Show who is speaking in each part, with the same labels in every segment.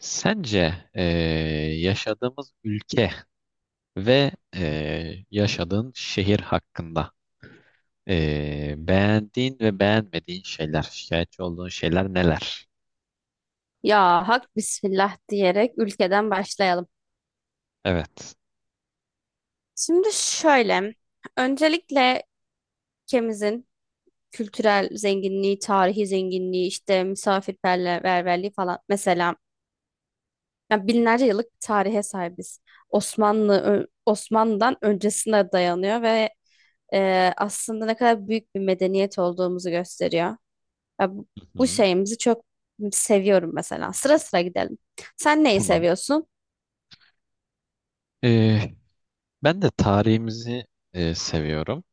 Speaker 1: Sence yaşadığımız ülke ve yaşadığın şehir hakkında beğendiğin ve beğenmediğin şeyler, şikayetçi olduğun şeyler neler?
Speaker 2: Ya hak bismillah diyerek ülkeden başlayalım.
Speaker 1: Evet.
Speaker 2: Şimdi şöyle, öncelikle ülkemizin kültürel zenginliği, tarihi zenginliği, işte misafirperverliği falan mesela ya binlerce yıllık bir tarihe sahibiz. Osmanlı'dan öncesine dayanıyor ve aslında ne kadar büyük bir medeniyet olduğumuzu gösteriyor. Ya bu,
Speaker 1: Hı
Speaker 2: bu
Speaker 1: hı,
Speaker 2: şeyimizi çok seviyorum mesela. Sıra sıra gidelim. Sen neyi
Speaker 1: tamam.
Speaker 2: seviyorsun?
Speaker 1: Eee, ben de tarihimizi seviyorum.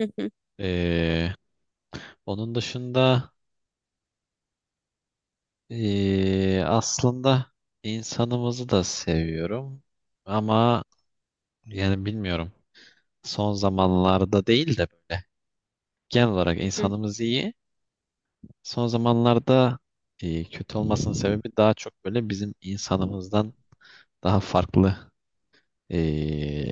Speaker 2: Hı hı
Speaker 1: Eee, onun dışında aslında insanımızı da seviyorum. Ama yani bilmiyorum. Son zamanlarda değil de böyle genel olarak
Speaker 2: hı.
Speaker 1: insanımız iyi. Son zamanlarda kötü olmasının sebebi daha çok böyle bizim insanımızdan daha farklı e,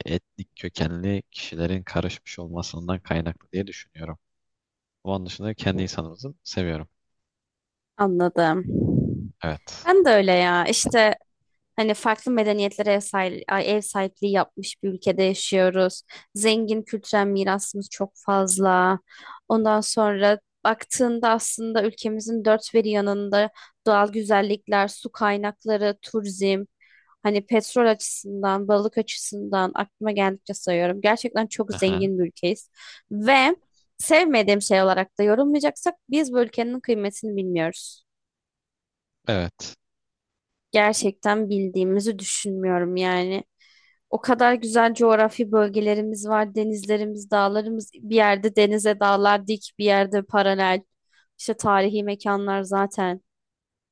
Speaker 1: etnik kökenli kişilerin karışmış olmasından kaynaklı diye düşünüyorum. Onun dışında kendi insanımızı seviyorum.
Speaker 2: Anladım.
Speaker 1: Evet.
Speaker 2: Ben de öyle ya. İşte hani farklı medeniyetlere ev sahipliği yapmış bir ülkede yaşıyoruz. Zengin kültürel mirasımız çok fazla. Ondan sonra baktığında aslında ülkemizin dört bir yanında doğal güzellikler, su kaynakları, turizm, hani petrol açısından, balık açısından aklıma geldikçe sayıyorum. Gerçekten çok
Speaker 1: Aha.
Speaker 2: zengin bir ülkeyiz. Ve sevmediğim şey olarak da yorumlayacaksak biz bu ülkenin kıymetini bilmiyoruz,
Speaker 1: Evet.
Speaker 2: gerçekten bildiğimizi düşünmüyorum yani. O kadar güzel coğrafi bölgelerimiz var. Denizlerimiz, dağlarımız bir yerde denize dağlar dik, bir yerde paralel. İşte tarihi mekanlar zaten.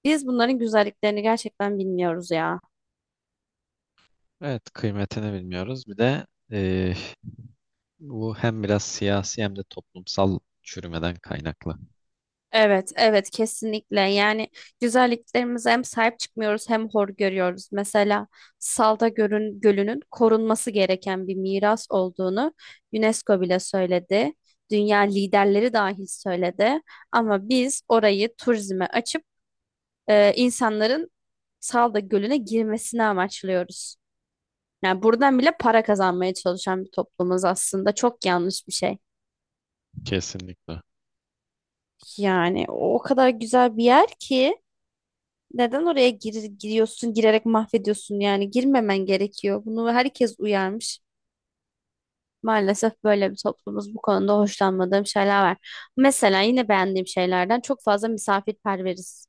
Speaker 2: Biz bunların güzelliklerini gerçekten bilmiyoruz ya.
Speaker 1: Evet, kıymetini bilmiyoruz. Bir de e, bu hem biraz siyasi hem de toplumsal çürümeden kaynaklı.
Speaker 2: Evet, evet kesinlikle. Yani güzelliklerimize hem sahip çıkmıyoruz hem hor görüyoruz. Mesela Gölü'nün korunması gereken bir miras olduğunu UNESCO bile söyledi. Dünya liderleri dahil söyledi. Ama biz orayı turizme açıp insanların Salda Gölü'ne girmesini amaçlıyoruz. Yani buradan bile para kazanmaya çalışan bir toplumuz aslında. Çok yanlış bir şey.
Speaker 1: Kesinlikle.
Speaker 2: Yani o kadar güzel bir yer ki. Giriyorsun, girerek mahvediyorsun yani girmemen gerekiyor. Bunu herkes uyarmış. Maalesef böyle bir toplumuz, bu konuda hoşlanmadığım şeyler var. Mesela yine beğendiğim şeylerden çok fazla misafirperveriz.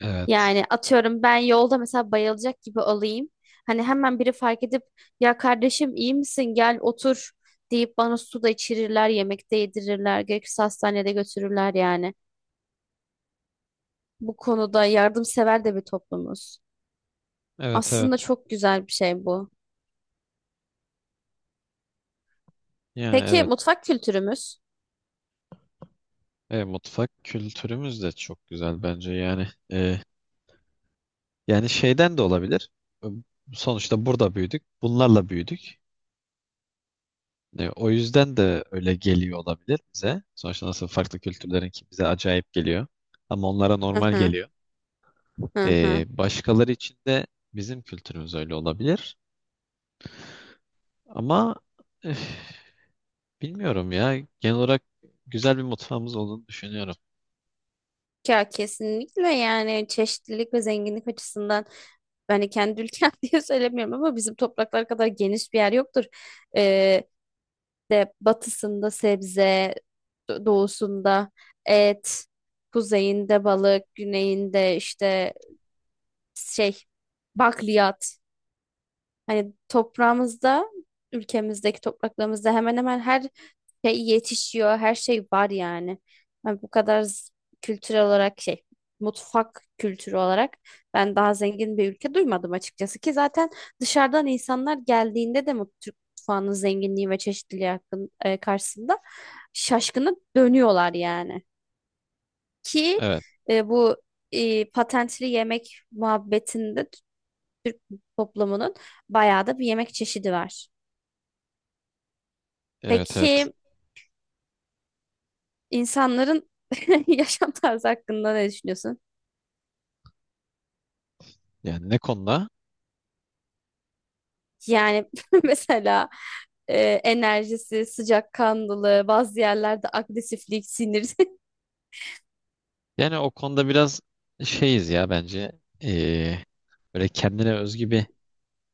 Speaker 1: Evet.
Speaker 2: Yani atıyorum ben yolda mesela bayılacak gibi olayım. Hani hemen biri fark edip ya kardeşim iyi misin gel otur deyip bana su da içirirler, yemek de yedirirler, gerekirse hastanede götürürler yani. Bu konuda yardımsever de bir toplumuz.
Speaker 1: Evet, evet.
Speaker 2: Aslında çok güzel bir şey bu.
Speaker 1: Yani
Speaker 2: Peki
Speaker 1: evet.
Speaker 2: mutfak kültürümüz?
Speaker 1: Mutfak kültürümüz de çok güzel bence yani. Yani şeyden de olabilir. Sonuçta burada büyüdük. Bunlarla büyüdük. O yüzden de öyle geliyor olabilir bize. Sonuçta nasıl farklı kültürlerin ki bize acayip geliyor. Ama onlara
Speaker 2: Hı
Speaker 1: normal
Speaker 2: hı,
Speaker 1: geliyor.
Speaker 2: hı hı.
Speaker 1: Başkaları için de bizim kültürümüz öyle olabilir. Ama üf, bilmiyorum ya. Genel olarak güzel bir mutfağımız olduğunu düşünüyorum.
Speaker 2: Ya kesinlikle yani çeşitlilik ve zenginlik açısından ben de kendi ülkem diye söylemiyorum ama bizim topraklar kadar geniş bir yer yoktur. Ee, de batısında sebze, doğusunda et, kuzeyinde balık, güneyinde işte şey bakliyat. Hani toprağımızda, ülkemizdeki topraklarımızda hemen hemen her şey yetişiyor, her şey var yani. Hani bu kadar z- kültürel olarak şey, mutfak kültürü olarak ben daha zengin bir ülke duymadım açıkçası ki zaten dışarıdan insanlar geldiğinde de Türk mutfağının zenginliği ve çeşitliliği karşısında şaşkına dönüyorlar yani. Ki
Speaker 1: Evet.
Speaker 2: bu patentli yemek muhabbetinde toplumunun bayağı da bir yemek çeşidi var.
Speaker 1: Evet, evet.
Speaker 2: Peki insanların yaşam tarzı hakkında ne düşünüyorsun?
Speaker 1: Yani ne konuda?
Speaker 2: Yani mesela enerjisi, sıcakkanlılığı, bazı yerlerde agresiflik, sinir.
Speaker 1: Yani o konuda biraz şeyiz ya bence. E, böyle kendine özgü bir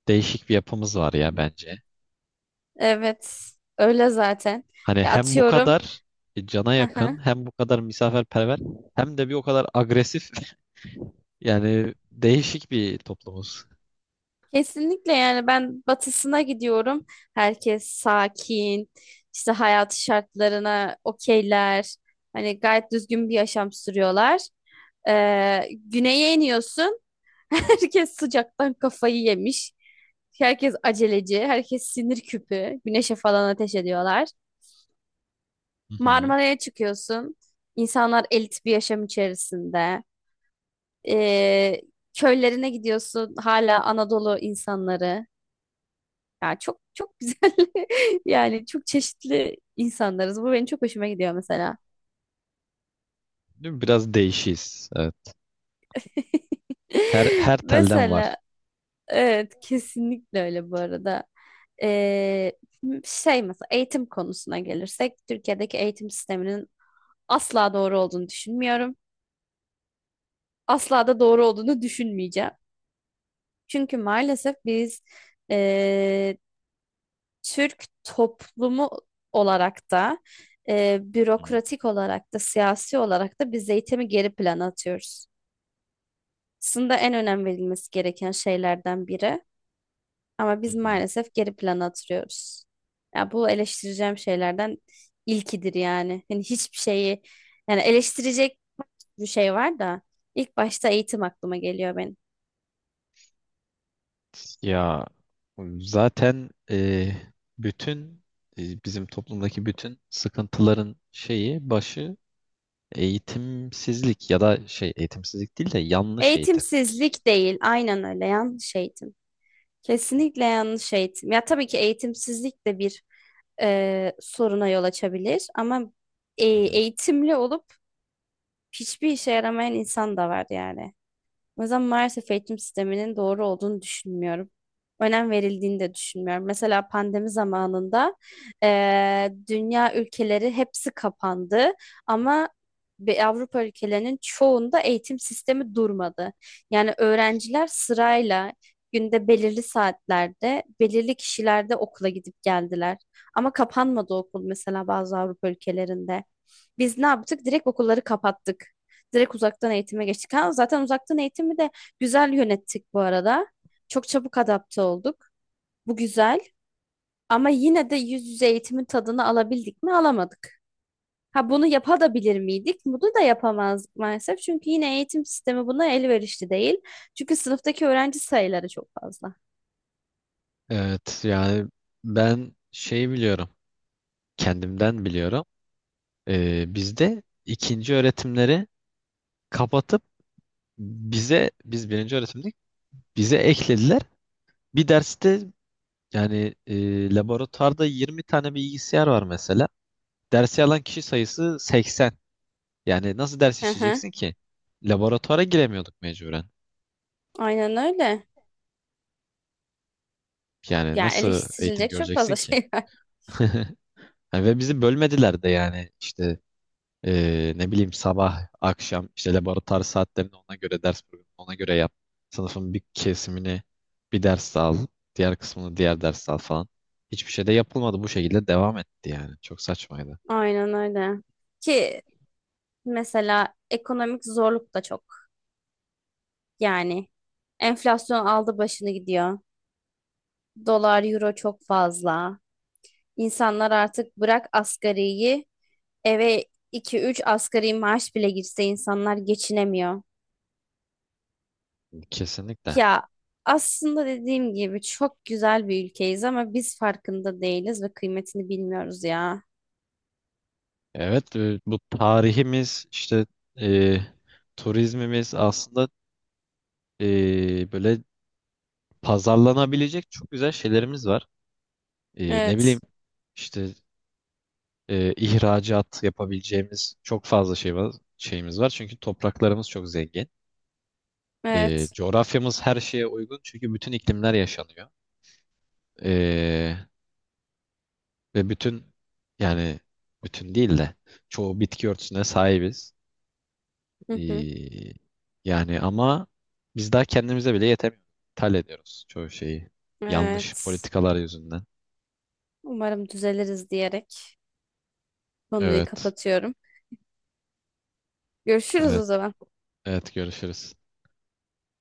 Speaker 1: değişik bir yapımız var ya bence.
Speaker 2: Evet, öyle zaten.
Speaker 1: Hani
Speaker 2: Ya
Speaker 1: hem bu
Speaker 2: atıyorum.
Speaker 1: kadar cana
Speaker 2: Hı
Speaker 1: yakın,
Speaker 2: hı.
Speaker 1: hem bu kadar misafirperver, hem de bir o kadar agresif. Yani değişik bir toplumuz.
Speaker 2: Kesinlikle yani ben batısına gidiyorum. Herkes sakin, işte hayat şartlarına okeyler. Hani gayet düzgün bir yaşam sürüyorlar. Güneye iniyorsun. Herkes sıcaktan kafayı yemiş. Herkes aceleci, herkes sinir küpü. Güneşe falan ateş ediyorlar.
Speaker 1: Hı hı.
Speaker 2: Marmara'ya çıkıyorsun. İnsanlar elit bir yaşam içerisinde. Ee, köylerine gidiyorsun. Hala Anadolu insanları. Ya çok çok güzel. Yani çok çeşitli insanlarız. Bu benim çok hoşuma gidiyor mesela.
Speaker 1: Değil mi? Biraz değişiz. Evet. Her telden var.
Speaker 2: Mesela evet, kesinlikle öyle bu arada. Ee, şey mesela eğitim konusuna gelirsek Türkiye'deki eğitim sisteminin asla doğru olduğunu düşünmüyorum. Asla da doğru olduğunu düşünmeyeceğim. Çünkü maalesef biz ee, Türk toplumu olarak da
Speaker 1: Hı
Speaker 2: bürokratik olarak da siyasi olarak da biz eğitimi geri plana atıyoruz. Aslında en önem verilmesi gereken şeylerden biri. Ama
Speaker 1: hı.
Speaker 2: biz
Speaker 1: Hı.
Speaker 2: maalesef geri plana atılıyoruz. Ya bu eleştireceğim şeylerden ilkidir yani. Hani hiçbir şeyi yani eleştirecek bir şey var da ilk başta eğitim aklıma geliyor benim.
Speaker 1: Ya zaten bütün bizim toplumdaki bütün sıkıntıların şeyi başı eğitimsizlik ya da şey eğitimsizlik değil de yanlış eğitim.
Speaker 2: Eğitimsizlik değil, aynen öyle yanlış eğitim. Kesinlikle yanlış eğitim. Ya tabii ki eğitimsizlik de bir soruna yol açabilir ama eğitimli olup hiçbir işe yaramayan insan da var yani. O yüzden maalesef eğitim sisteminin doğru olduğunu düşünmüyorum. Önem verildiğini de düşünmüyorum. Mesela pandemi zamanında dünya ülkeleri hepsi kapandı ama bir Avrupa ülkelerinin çoğunda eğitim sistemi durmadı. Yani öğrenciler sırayla günde belirli saatlerde, belirli kişilerde okula gidip geldiler. Ama kapanmadı okul mesela bazı Avrupa ülkelerinde. Biz ne yaptık? Direkt okulları kapattık. Direkt uzaktan eğitime geçtik. Ha, zaten uzaktan eğitimi de güzel yönettik bu arada. Çok çabuk adapte olduk. Bu güzel. Ama yine de yüz yüze eğitimin tadını alabildik mi? Alamadık. Ha bunu yapabilir miydik? Bunu da yapamazdık maalesef. Çünkü yine eğitim sistemi buna elverişli değil. Çünkü sınıftaki öğrenci sayıları çok fazla.
Speaker 1: Evet yani ben şey biliyorum, kendimden biliyorum. Bizde ikinci öğretimleri kapatıp bize, birinci öğretimdik, bize eklediler bir derste. Yani laboratuvarda 20 tane bilgisayar var mesela, dersi alan kişi sayısı 80. Yani nasıl ders
Speaker 2: Hı hı.
Speaker 1: işleyeceksin ki? Laboratuvara giremiyorduk mecburen.
Speaker 2: Aynen öyle.
Speaker 1: Yani
Speaker 2: Yani
Speaker 1: nasıl eğitim
Speaker 2: eleştirilecek çok
Speaker 1: göreceksin
Speaker 2: fazla
Speaker 1: ki?
Speaker 2: şey var.
Speaker 1: Yani ve bizi bölmediler de. Yani işte ne bileyim, sabah, akşam işte laboratuvar saatlerini ona göre, ders programını ona göre yap. Sınıfın bir kesimini bir ders al, diğer kısmını diğer ders al falan. Hiçbir şey de yapılmadı. Bu şekilde devam etti yani. Çok saçmaydı.
Speaker 2: Aynen öyle. Ki mesela ekonomik zorluk da çok. Yani enflasyon aldı başını gidiyor. Dolar, euro çok fazla. İnsanlar artık bırak asgariyi, eve iki üç asgari maaş bile girse insanlar geçinemiyor.
Speaker 1: Kesinlikle.
Speaker 2: Ya aslında dediğim gibi çok güzel bir ülkeyiz ama biz farkında değiliz ve kıymetini bilmiyoruz ya.
Speaker 1: Evet, bu tarihimiz işte, e, turizmimiz, aslında böyle pazarlanabilecek çok güzel şeylerimiz var. Ne bileyim
Speaker 2: Evet,
Speaker 1: işte, ihracat yapabileceğimiz çok fazla şey var, şeyimiz var. Çünkü topraklarımız çok zengin.
Speaker 2: evet,
Speaker 1: Coğrafyamız her şeye uygun çünkü bütün iklimler yaşanıyor. E, ve bütün, yani bütün değil de çoğu bitki örtüsüne sahibiz.
Speaker 2: hı hı,
Speaker 1: E, yani ama biz daha kendimize bile yetemiyoruz. İthal ediyoruz çoğu şeyi. Yanlış
Speaker 2: evet.
Speaker 1: politikalar yüzünden.
Speaker 2: Umarım düzeliriz diyerek konuyu
Speaker 1: Evet.
Speaker 2: kapatıyorum. Görüşürüz o
Speaker 1: Evet.
Speaker 2: zaman.
Speaker 1: Evet, görüşürüz.